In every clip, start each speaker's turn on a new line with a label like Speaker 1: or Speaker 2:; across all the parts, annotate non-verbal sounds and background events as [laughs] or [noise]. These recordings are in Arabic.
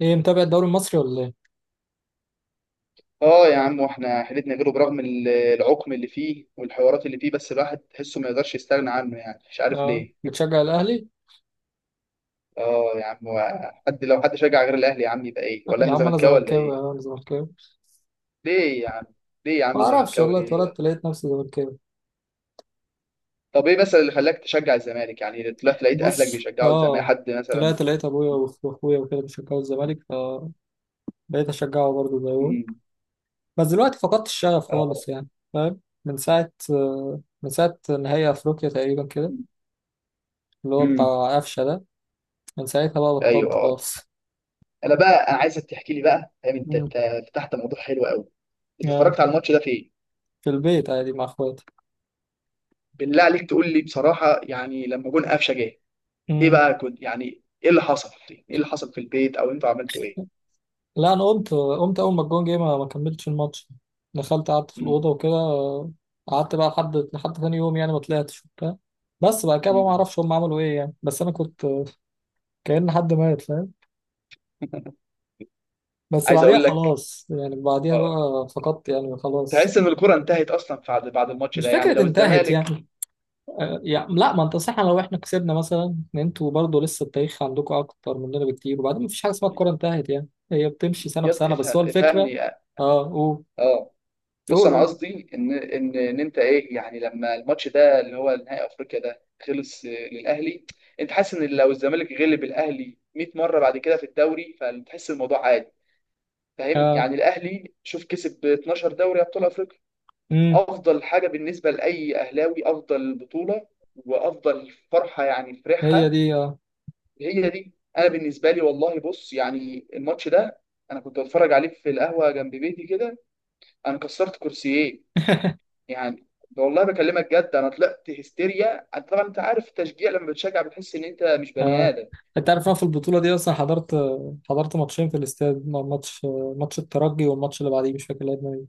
Speaker 1: ايه، متابع الدوري المصري ولا ايه؟
Speaker 2: اه يا عم واحنا حيلتنا غيره برغم العقم اللي فيه والحوارات اللي فيه، بس الواحد تحسه ما يقدرش يستغنى عنه، يعني مش عارف
Speaker 1: اه،
Speaker 2: ليه.
Speaker 1: بتشجع الاهلي؟
Speaker 2: اه يا عم، حد شجع غير الاهلي يا عم يبقى ايه، ولا
Speaker 1: يا
Speaker 2: انا
Speaker 1: عم انا
Speaker 2: زملكاوي ولا
Speaker 1: زملكاوي، يا
Speaker 2: ايه؟
Speaker 1: عم انا زملكاوي.
Speaker 2: ليه يا عم؟ ليه يا
Speaker 1: ما
Speaker 2: عم
Speaker 1: اعرفش
Speaker 2: زملكاوي
Speaker 1: والله،
Speaker 2: ليه
Speaker 1: اتولدت
Speaker 2: بقى؟
Speaker 1: لقيت نفسي زملكاوي.
Speaker 2: طب ايه مثلا اللي خلاك تشجع الزمالك؟ يعني طلعت لقيت اهلك
Speaker 1: بص،
Speaker 2: بيشجعوا الزمالك
Speaker 1: اه.
Speaker 2: حد مثلا؟
Speaker 1: طلعت لقيت ابويا واخويا وكده بيشجعوا الزمالك، فبقيت اشجعه برضه زيهم.
Speaker 2: امم
Speaker 1: بس دلوقتي فقدت الشغف
Speaker 2: اه.
Speaker 1: خالص يعني. فاهم. من ساعة من ساعة نهائي افريقيا تقريبا كده، اللي هو
Speaker 2: امم.
Speaker 1: بتاع قفشة ده. من ساعتها بقى
Speaker 2: ايوه
Speaker 1: بطلت
Speaker 2: اه.
Speaker 1: خالص.
Speaker 2: انا بقى انا عايزك تحكي لي بقى، فاهم؟ انت
Speaker 1: امم.
Speaker 2: انت فتحت موضوع حلو قوي. انت
Speaker 1: [laughs] آه،
Speaker 2: اتفرجت على الماتش ده فين؟
Speaker 1: في البيت عادي مع اخواتي.
Speaker 2: بالله عليك تقول لي بصراحه، يعني لما جون قفشه جه ايه بقى كنت؟ يعني ايه اللي حصل؟ ايه اللي حصل في البيت، او انتوا عملتوا ايه؟
Speaker 1: لا، انا قمت اول ما الجون جه، ما كملتش الماتش. دخلت قعدت في
Speaker 2: مم.
Speaker 1: الاوضه وكده. قعدت بقى لحد ثاني يوم يعني، ما طلعتش وبتاع. بس بعد كده بقى ما
Speaker 2: مم.
Speaker 1: اعرفش هم عملوا ايه يعني، بس انا كنت كأن حد مات، فاهم. بس
Speaker 2: عايز
Speaker 1: بعديها
Speaker 2: اقول لك.
Speaker 1: خلاص يعني، بعديها
Speaker 2: اه،
Speaker 1: بقى فقدت يعني، خلاص.
Speaker 2: تحس ان الكره انتهت اصلا بعد الماتش
Speaker 1: مش
Speaker 2: ده يعني،
Speaker 1: فكرة
Speaker 2: لو
Speaker 1: انتهت
Speaker 2: الزمالك
Speaker 1: يعني. يعني لا، ما انت صح، لو احنا كسبنا مثلا، ان انتوا برضه لسه التاريخ عندكم اكتر مننا بكتير، وبعدين مفيش حاجة اسمها الكورة انتهت يعني، هي بتمشي سنة بسنة، بس
Speaker 2: افهم
Speaker 1: هو الفكرة.
Speaker 2: اه.
Speaker 1: اه، قول،
Speaker 2: آه. بص،
Speaker 1: قول،
Speaker 2: انا
Speaker 1: قول.
Speaker 2: قصدي ان ان انت ايه يعني لما الماتش ده اللي هو نهائي افريقيا ده خلص للاهلي. انت حاسس ان لو الزمالك غلب الاهلي 100 مره بعد كده في الدوري فتحس الموضوع عادي؟ فاهم
Speaker 1: اه.
Speaker 2: يعني، الاهلي شوف كسب 12 دوري ابطال افريقيا،
Speaker 1: امم.
Speaker 2: افضل حاجه بالنسبه لاي اهلاوي، افضل بطوله وافضل فرحه يعني،
Speaker 1: هي
Speaker 2: فرحها
Speaker 1: دي، اه.
Speaker 2: هي دي. انا بالنسبه لي والله بص، يعني الماتش ده انا كنت بتفرج عليه في القهوه جنب بيتي كده، انا كسرت كرسيين يعني. والله بكلمك جد، انا طلعت هستيريا. أنت طبعا انت عارف التشجيع لما بتشجع بتحس ان انت مش بني
Speaker 1: آه.
Speaker 2: ادم.
Speaker 1: انت عارف، أنا في البطولة دي اصلا حضرت، حضرت ماتشين في الاستاد، ماتش، ماتش الترجي والماتش اللي بعديه مش فاكر لعبنا مين.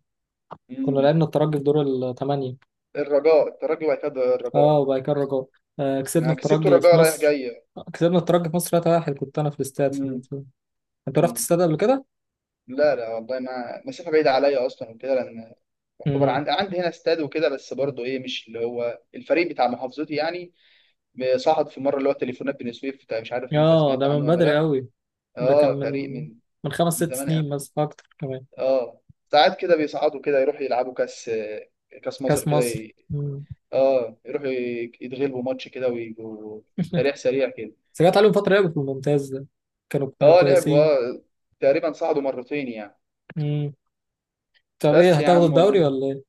Speaker 1: كنا
Speaker 2: مم.
Speaker 1: لعبنا الترجي في دور الثمانية.
Speaker 2: الرجاء الترجي وعتاد الرجاء.
Speaker 1: اه، وبعد كده الرجاء. آه، كسبنا
Speaker 2: انا كسبت
Speaker 1: الترجي في
Speaker 2: الرجاء رايح
Speaker 1: مصر،
Speaker 2: جاي.
Speaker 1: كسبنا الترجي في مصر 3-1. كنت انا في الاستاد في
Speaker 2: مم.
Speaker 1: الماتش. انت رحت
Speaker 2: مم.
Speaker 1: الاستاد قبل كده؟
Speaker 2: لا لا والله، ما مسافة بعيدة عليا أصلا وكده، لأن يعتبر
Speaker 1: امم.
Speaker 2: عندي، عندي هنا استاد وكده، بس برضه إيه، مش اللي هو الفريق بتاع محافظتي يعني. صعد في مرة اللي هو تليفونات بني سويف مش عارف أنت
Speaker 1: اه،
Speaker 2: سمعت
Speaker 1: ده من
Speaker 2: عنه ولا
Speaker 1: بدري
Speaker 2: لأ.
Speaker 1: قوي. ده كان
Speaker 2: أه فريق
Speaker 1: من،
Speaker 2: من،
Speaker 1: من خمس
Speaker 2: من
Speaker 1: ست
Speaker 2: زمان
Speaker 1: سنين
Speaker 2: أوي.
Speaker 1: مثلا، اكتر كمان.
Speaker 2: أه، ساعات كده بيصعدوا كده، يروحوا يلعبوا كأس مصر
Speaker 1: كاس
Speaker 2: كده
Speaker 1: مصر. مم.
Speaker 2: أه يروحوا يتغلبوا ماتش كده ويبقوا
Speaker 1: [laughs]
Speaker 2: تاريخ سريع كده.
Speaker 1: بس جت عليهم فترة لعبوا في الممتاز ده، كانوا
Speaker 2: أه لعبوا
Speaker 1: كويسين.
Speaker 2: أه، تقريبا صعدوا مرتين يعني.
Speaker 1: طب ايه
Speaker 2: بس يا
Speaker 1: هتاخدوا
Speaker 2: عم
Speaker 1: الدوري
Speaker 2: والله.
Speaker 1: ولا ايه؟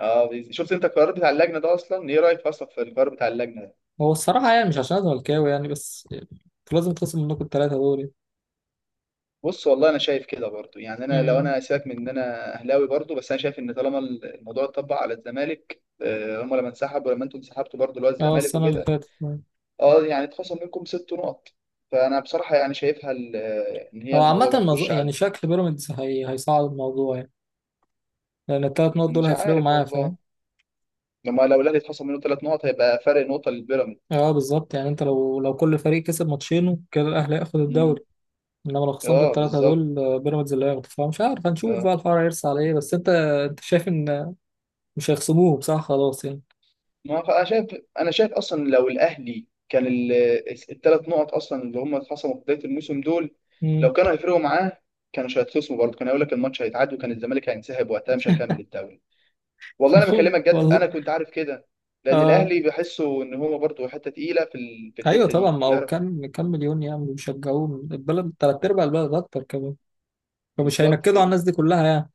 Speaker 2: اه شفت انت القرار بتاع اللجنه ده، اصلا ايه رايك اصلا في القرار بتاع اللجنه ده؟
Speaker 1: هو الصراحة يعني، مش عشان أنا زملكاوي يعني، بس يعني انتوا لازم تخصم منكم التلاتة دوري.
Speaker 2: بص والله انا شايف كده برضو يعني، انا لو
Speaker 1: امم.
Speaker 2: انا سيبك من ان انا اهلاوي برضو، بس انا شايف ان طالما الموضوع اتطبق على الزمالك هم لما انسحبوا ولما انتوا انسحبتوا برضو اللي هو
Speaker 1: اه،
Speaker 2: الزمالك
Speaker 1: السنة اللي
Speaker 2: وكده،
Speaker 1: فاتت.
Speaker 2: اه يعني اتخصم منكم ست نقط. فانا بصراحه يعني شايفها ان هي
Speaker 1: هو
Speaker 2: الموضوع
Speaker 1: عامة
Speaker 2: ما
Speaker 1: الموضوع
Speaker 2: فيهوش عدل.
Speaker 1: يعني، شكل بيراميدز هي هيصعد الموضوع يعني، لأن التلات نقط دول
Speaker 2: مش
Speaker 1: هيفرقوا
Speaker 2: عارف
Speaker 1: معايا،
Speaker 2: والله،
Speaker 1: فاهم؟
Speaker 2: لما لو الاهلي اتخصم منه ثلاث نقط هيبقى فرق نقطه للبيراميدز.
Speaker 1: اه بالظبط، يعني انت لو كل فريق كسب ماتشينه كده الأهلي هياخد الدوري.
Speaker 2: مم.
Speaker 1: انما لو خصمت
Speaker 2: اه
Speaker 1: التلاتة
Speaker 2: بالظبط.
Speaker 1: دول، بيراميدز اللي هياخده. فمش عارف، هنشوف
Speaker 2: آه.
Speaker 1: بقى الحوار هيرسى على ايه. بس انت، انت شايف ان مش هيخصموه، صح، خلاص يعني.
Speaker 2: ما خ- انا شايف، انا شايف اصلا لو الاهلي كان، الثلاث نقط اصلا اللي هم اتخصموا في بدايه الموسم دول،
Speaker 1: امم.
Speaker 2: لو كانوا هيفرقوا معاه كانوش هيتخصموا برضه، كان هيقول لك الماتش هيتعاد وكان الزمالك هينسحب، وقتها مش هيكمل الدوري. والله انا
Speaker 1: [laughs]
Speaker 2: بكلمك جد
Speaker 1: والله.
Speaker 2: انا كنت عارف كده، لان
Speaker 1: اه.
Speaker 2: الاهلي بحسه ان هو برضه حته تقيله في في
Speaker 1: ايوه
Speaker 2: الحته
Speaker 1: طبعا،
Speaker 2: دي،
Speaker 1: ما هو
Speaker 2: يعرف.
Speaker 1: كام مليون يعني بيشجعوه، البلد، تلات ارباع البلد، اكتر كمان. فمش
Speaker 2: بالظبط
Speaker 1: هينكدوا على
Speaker 2: كده.
Speaker 1: الناس دي كلها يعني.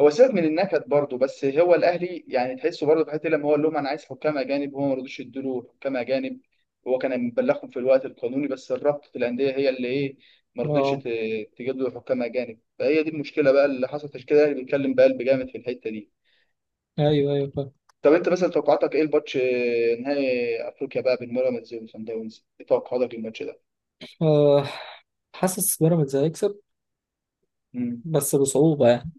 Speaker 2: هو سيبك من النكد برضه، بس هو الاهلي يعني تحسه برضه في حته، لما هو قال لهم انا عايز حكام اجانب، هو ما رضوش يدوا حكام اجانب، هو كان مبلغهم في الوقت القانوني، بس الرابطه الانديه هي اللي ايه، ما رضتش
Speaker 1: اه،
Speaker 2: ت- تجيب له حكام اجانب، فهي دي المشكله بقى اللي حصلت عشان كده الاهلي بيتكلم بقلب جامد في الحته دي.
Speaker 1: ايوه ايوه فاهم.
Speaker 2: طب انت مثلا توقعاتك ايه الماتش نهائي افريقيا بقى بين بيراميدز وصن داونز، ايه توقعاتك للماتش ده؟
Speaker 1: آه، حاسس بيراميدز هيكسب، بس بصعوبه يعني،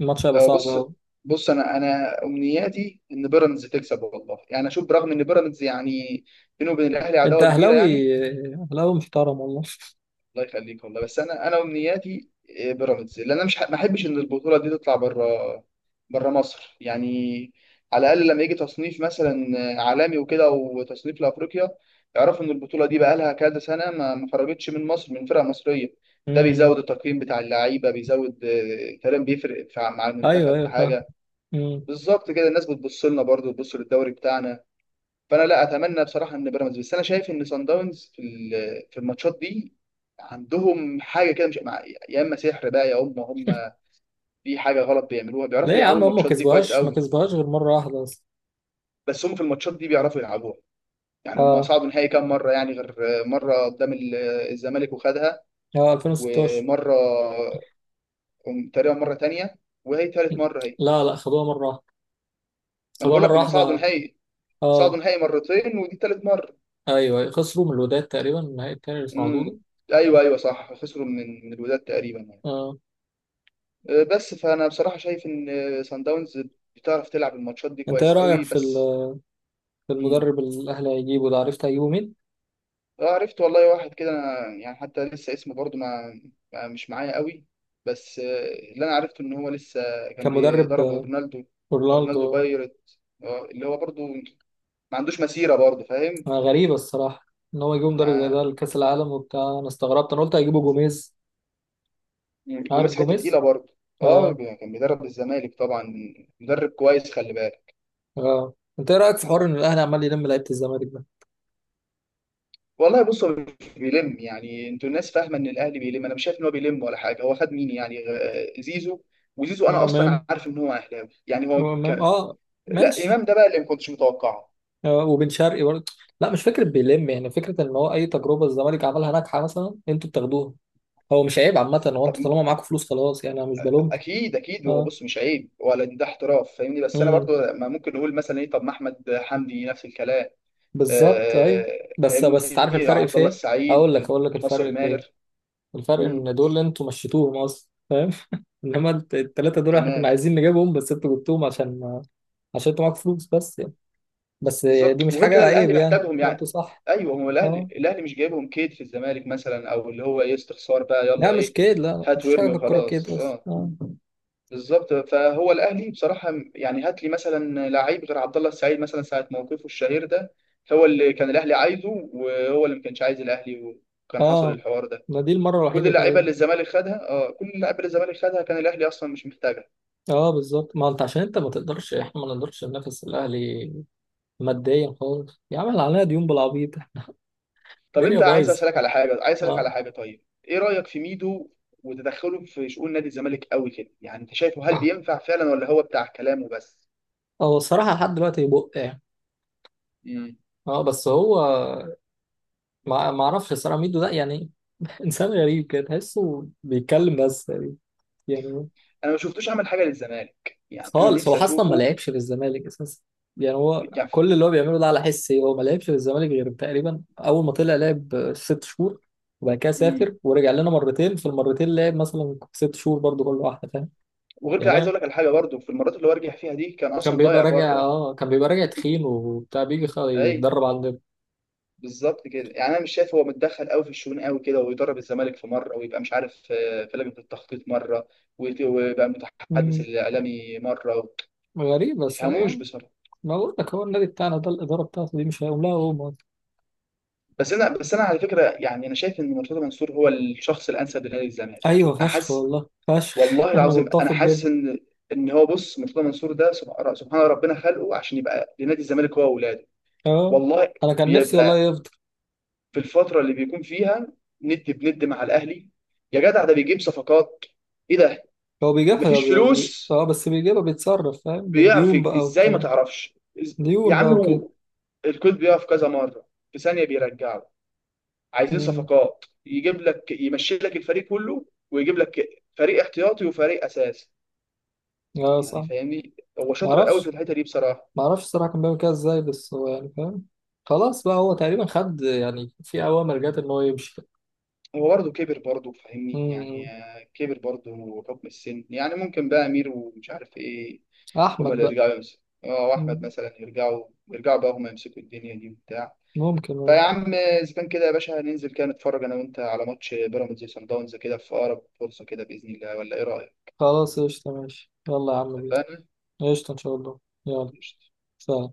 Speaker 1: الماتش هيبقى
Speaker 2: لو
Speaker 1: صعب
Speaker 2: بص،
Speaker 1: قوي.
Speaker 2: بص، انا امنياتي ان بيراميدز تكسب والله، يعني اشوف برغم ان بيراميدز يعني بينه وبين الاهلي
Speaker 1: انت
Speaker 2: عداوه كبيره
Speaker 1: اهلاوي،
Speaker 2: يعني.
Speaker 1: اهلاوي محترم والله.
Speaker 2: الله يخليك والله، بس انا امنياتي بيراميدز، لان انا مش ح- ما احبش ان البطوله دي تطلع بره، بره مصر يعني. على الاقل لما يجي تصنيف مثلا عالمي وكده، وتصنيف لافريقيا، يعرفوا ان البطوله دي بقى لها كذا سنه ما خرجتش من مصر من فرقه مصريه. ده
Speaker 1: امم.
Speaker 2: بيزود التقييم بتاع اللعيبه، بيزود كلام بيفرق مع
Speaker 1: ايوه
Speaker 2: المنتخب
Speaker 1: ايوه
Speaker 2: في
Speaker 1: فاهم.
Speaker 2: حاجه.
Speaker 1: امم.
Speaker 2: بالظبط كده، الناس بتبص لنا برضه، بتبص للدوري بتاعنا. فانا لا اتمنى بصراحه ان بيراميدز، بس انا شايف ان سان داونز في في الماتشات دي عندهم حاجه كده مش مع- يا اما سحر بقى، يا اما هم في حاجه غلط بيعملوها،
Speaker 1: ليه
Speaker 2: بيعرفوا
Speaker 1: يا
Speaker 2: يلعبوا
Speaker 1: عم، هم ما
Speaker 2: الماتشات دي كويس
Speaker 1: كسبوهاش، ما
Speaker 2: قوي.
Speaker 1: كسبوهاش غير مره واحده اصلا.
Speaker 2: بس هم في الماتشات دي بيعرفوا يلعبوها، يعني هم
Speaker 1: اه.
Speaker 2: صعدوا نهائي كام مره يعني، غير مره قدام الزمالك وخدها،
Speaker 1: اه، 2016.
Speaker 2: ومره تقريبا، مره تانية، وهي تالت مره هي.
Speaker 1: لا لا، خدوها مرة واحدة،
Speaker 2: انا
Speaker 1: خدوها
Speaker 2: بقول لك
Speaker 1: مرة
Speaker 2: هم صعدوا
Speaker 1: واحدة.
Speaker 2: نهائي،
Speaker 1: اه.
Speaker 2: صعدوا نهائي مرتين ودي تالت مره.
Speaker 1: ايوه، أيوة. خسروا من الوداد تقريبا النهائي التاني اللي صعدوه ده.
Speaker 2: امم. ايوه ايوه صح، خسروا من، من الوداد تقريبا يعني.
Speaker 1: آه.
Speaker 2: أه، بس فانا بصراحه شايف ان سان داونز بتعرف تلعب الماتشات دي
Speaker 1: انت ايه
Speaker 2: كويس
Speaker 1: رأيك
Speaker 2: قوي
Speaker 1: في
Speaker 2: بس.
Speaker 1: في
Speaker 2: امم.
Speaker 1: المدرب اللي الاهلي هيجيبه ده، عرفت هيجيبه مين؟
Speaker 2: آه، عرفت والله، واحد كده أنا يعني حتى لسه اسمه برضو مش معايا قوي. بس أه، اللي انا عرفته ان هو لسه كان
Speaker 1: كان مدرب
Speaker 2: بيدرب رونالدو، رونالدو
Speaker 1: رونالدو.
Speaker 2: بايرت، أه، اللي هو برضو ما عندوش مسيره برضو،
Speaker 1: آه،
Speaker 2: فاهم
Speaker 1: غريبة الصراحة، ان هو يجيبوا مدرب زي ده
Speaker 2: يعني.
Speaker 1: لكأس العالم وبتاع. انا استغربت، انا قلت هيجيبوا جوميز.
Speaker 2: مم.
Speaker 1: عارف
Speaker 2: جوميز حته تقيله
Speaker 1: جوميز.
Speaker 2: برضو. اه
Speaker 1: اه.
Speaker 2: كان بيدرب الزمالك طبعا، مدرب كويس، خلي بالك.
Speaker 1: اه. انت ايه رأيك في حوار ان الاهلي عمال يلم لعيبة الزمالك ده؟
Speaker 2: والله بص، هو مش بيلم يعني، انتوا الناس فاهمه ان الاهلي بيلم، انا مش شايف ان هو بيلم ولا حاجه. هو خد مين يعني؟ زيزو. وزيزو انا اصلا
Speaker 1: وامام،
Speaker 2: عارف ان هو اهلاوي يعني هو
Speaker 1: وامام
Speaker 2: كان.
Speaker 1: اه.
Speaker 2: لا
Speaker 1: ماشي.
Speaker 2: امام ده بقى اللي ما كنتش متوقعه.
Speaker 1: آه، وبن شرقي برضه. لا مش فكرة بيلم يعني، فكرة ان هو اي تجربة الزمالك عملها ناجحة مثلا انتوا بتاخدوها. هو مش عيب عامة، هو
Speaker 2: طب،
Speaker 1: انتوا طالما معاكم فلوس خلاص يعني، انا مش بلومكم.
Speaker 2: اكيد اكيد هو
Speaker 1: اه.
Speaker 2: بص، مش عيب ولا ده احتراف فاهمني، بس انا
Speaker 1: إمم.
Speaker 2: برضو ما ممكن نقول مثلا ايه، طب ما احمد حمدي نفس الكلام.
Speaker 1: بالظبط، ايوه.
Speaker 2: آه،
Speaker 1: بس، بس تعرف
Speaker 2: فاهمني،
Speaker 1: الفرق
Speaker 2: عبد
Speaker 1: في
Speaker 2: الله
Speaker 1: ايه. اقول لك،
Speaker 2: السعيد،
Speaker 1: اقول لك
Speaker 2: ناصر
Speaker 1: الفرق في ايه.
Speaker 2: ماهر.
Speaker 1: الفرق
Speaker 2: مم،
Speaker 1: ان دول انتوا مشيتوهم اصلا، فاهم. [laughs] انما التلاتة دول احنا
Speaker 2: تمام.
Speaker 1: كنا عايزين نجيبهم، بس انتوا جبتوهم عشان، عشان انتوا معاكوا فلوس بس يعني. بس دي
Speaker 2: بالظبط،
Speaker 1: مش
Speaker 2: وغير
Speaker 1: حاجة
Speaker 2: كده الاهلي
Speaker 1: عيب يعني،
Speaker 2: محتاجهم يعني.
Speaker 1: انتوا صح.
Speaker 2: ايوه هو الاهلي،
Speaker 1: اه.
Speaker 2: الاهلي مش جايبهم كيد في الزمالك مثلا، او اللي هو ايه استخسار بقى
Speaker 1: لا
Speaker 2: يلا
Speaker 1: مش
Speaker 2: ايه.
Speaker 1: كده، لا
Speaker 2: هات
Speaker 1: مش حاجة،
Speaker 2: وارمي
Speaker 1: في الكورة
Speaker 2: وخلاص
Speaker 1: كده اصلا.
Speaker 2: اه.
Speaker 1: اه.
Speaker 2: بالظبط، فهو الاهلي بصراحه يعني، هات لي مثلا لعيب غير عبد الله السعيد مثلا ساعه موقفه الشهير ده، هو اللي كان الاهلي عايزه وهو اللي ما كانش عايز الاهلي وكان حصل
Speaker 1: اه،
Speaker 2: الحوار ده.
Speaker 1: ما دي المرة
Speaker 2: كل
Speaker 1: الوحيدة
Speaker 2: اللعيبه
Speaker 1: تقريبا.
Speaker 2: اللي الزمالك خدها، اه، كل اللعيبه اللي الزمالك خدها كان الاهلي اصلا مش محتاجها.
Speaker 1: اه بالظبط، ما انت عشان انت ما تقدرش، احنا ما نقدرش ننافس الاهلي ماديا خالص يا عم، اللي علينا ديون بالعبيط.
Speaker 2: طب
Speaker 1: الدنيا
Speaker 2: انت عايز
Speaker 1: بايظة.
Speaker 2: اسالك على حاجه، عايز اسالك على
Speaker 1: اه.
Speaker 2: حاجه، طيب ايه رايك في ميدو وتدخله في شؤون نادي الزمالك قوي كده يعني؟ انت شايفه هل بينفع فعلا ولا هو بتاع كلام وبس؟
Speaker 1: هو الصراحة لحد دلوقتي بق يعني.
Speaker 2: امم.
Speaker 1: اه، بس هو، ما اعرفش الصراحة ميدو ده يعني. [laughs] انسان غريب كده، تحسه بيتكلم بس يعني.
Speaker 2: انا ما شفتوش عمل حاجه للزمالك يعني، انا
Speaker 1: خالص، هو
Speaker 2: نفسي
Speaker 1: اصلا ما
Speaker 2: اشوفه
Speaker 1: لعبش في الزمالك اساسا يعني، هو
Speaker 2: يعني.
Speaker 1: كل اللي هو بيعمله ده على حسي، هو ما لعبش في الزمالك غير تقريبا اول ما طلع لعب ست شهور، وبعد كده
Speaker 2: امم.
Speaker 1: سافر ورجع لنا مرتين، في المرتين لعب مثلا ست شهور برضو كل واحدة، فاهم
Speaker 2: وغير كده عايز
Speaker 1: يعني.
Speaker 2: اقول لك على حاجه برضو، في المرات اللي هو رجع فيها دي كان
Speaker 1: كان
Speaker 2: اصلا
Speaker 1: بيبقى
Speaker 2: ضايع
Speaker 1: راجع،
Speaker 2: بره.
Speaker 1: اه كان بيبقى راجع تخين وبتاع، بيجي
Speaker 2: اي.
Speaker 1: يتدرب عندنا.
Speaker 2: بالظبط كده، يعني انا مش شايف، هو متدخل قوي في الشؤون قوي كده، ويدرب الزمالك في مره، ويبقى مش عارف في لجنه التخطيط مره، ويبقى متحدث
Speaker 1: مم،
Speaker 2: الاعلامي مره، ما
Speaker 1: غريب بس
Speaker 2: تفهموش.
Speaker 1: يعني. ما بقول لك، هو النادي بتاعنا ده الإدارة بتاعته دي مش هيقوم لها هو.
Speaker 2: بس انا على فكره يعني، انا شايف ان مرتضى منصور هو الشخص الانسب لنادي الزمالك،
Speaker 1: أيوه
Speaker 2: انا
Speaker 1: فشخ
Speaker 2: حاسس.
Speaker 1: والله، فشخ.
Speaker 2: والله
Speaker 1: [laughs] أنا
Speaker 2: العظيم انا
Speaker 1: متفق
Speaker 2: حاسس
Speaker 1: جدا.
Speaker 2: ان، ان هو بص، مرتضى منصور ده سبحان ربنا خلقه عشان يبقى لنادي الزمالك هو واولاده.
Speaker 1: أه.
Speaker 2: والله.
Speaker 1: أنا كان نفسي والله
Speaker 2: بيبقى
Speaker 1: يفضل.
Speaker 2: في الفتره اللي بيكون فيها ند بند مع الاهلي، يا جدع ده بيجيب صفقات، ايه ده.
Speaker 1: هو بيجيبها
Speaker 2: مفيش فلوس،
Speaker 1: أه، بس بيجيبها بيتصرف، فاهم،
Speaker 2: بيعرف
Speaker 1: بالديون بقى
Speaker 2: ازاي، ما
Speaker 1: وبتاع.
Speaker 2: تعرفش يا
Speaker 1: ديون بقى
Speaker 2: عم
Speaker 1: وكده.
Speaker 2: هو. الكود بيقف كذا مره، في ثانيه بيرجعه. عايزين
Speaker 1: أمم.
Speaker 2: صفقات، يجيب لك يمشي لك الفريق كله، ويجيب لك فريق احتياطي وفريق اساسي.
Speaker 1: أه
Speaker 2: يعني
Speaker 1: صح.
Speaker 2: فاهمني هو شاطر قوي في
Speaker 1: معرفش،
Speaker 2: الحته دي بصراحه.
Speaker 1: معرفش الصراحة كان بيعمل كده إزاي، بس هو يعني فاهم، خلاص بقى، هو تقريبا خد يعني، في أوامر جات إن هو يمشي كده.
Speaker 2: هو برضه كبر برضه فاهمني يعني،
Speaker 1: أمم.
Speaker 2: كبر برضه حكم السن يعني، ممكن بقى امير ومش عارف ايه، هما
Speaker 1: أحمد
Speaker 2: اللي
Speaker 1: بقى.
Speaker 2: يرجعوا يمسكوا، اه، واحمد
Speaker 1: أمم.
Speaker 2: مثلا، يرجعوا، يرجعوا بقى هما يمسكوا الدنيا دي وبتاع.
Speaker 1: ممكن، أه.
Speaker 2: فيا عم اذا كان كده يا باشا هننزل كده نتفرج انا وانت على ماتش بيراميدز وصن داونز كده في اقرب فرصه كده باذن الله، ولا ايه رايك؟
Speaker 1: خلاص، قشطة، ماشي، يلا يا عم بينا.
Speaker 2: اتفقنا؟
Speaker 1: قشطة إن شاء الله. يلا.
Speaker 2: قشطة.
Speaker 1: سلام.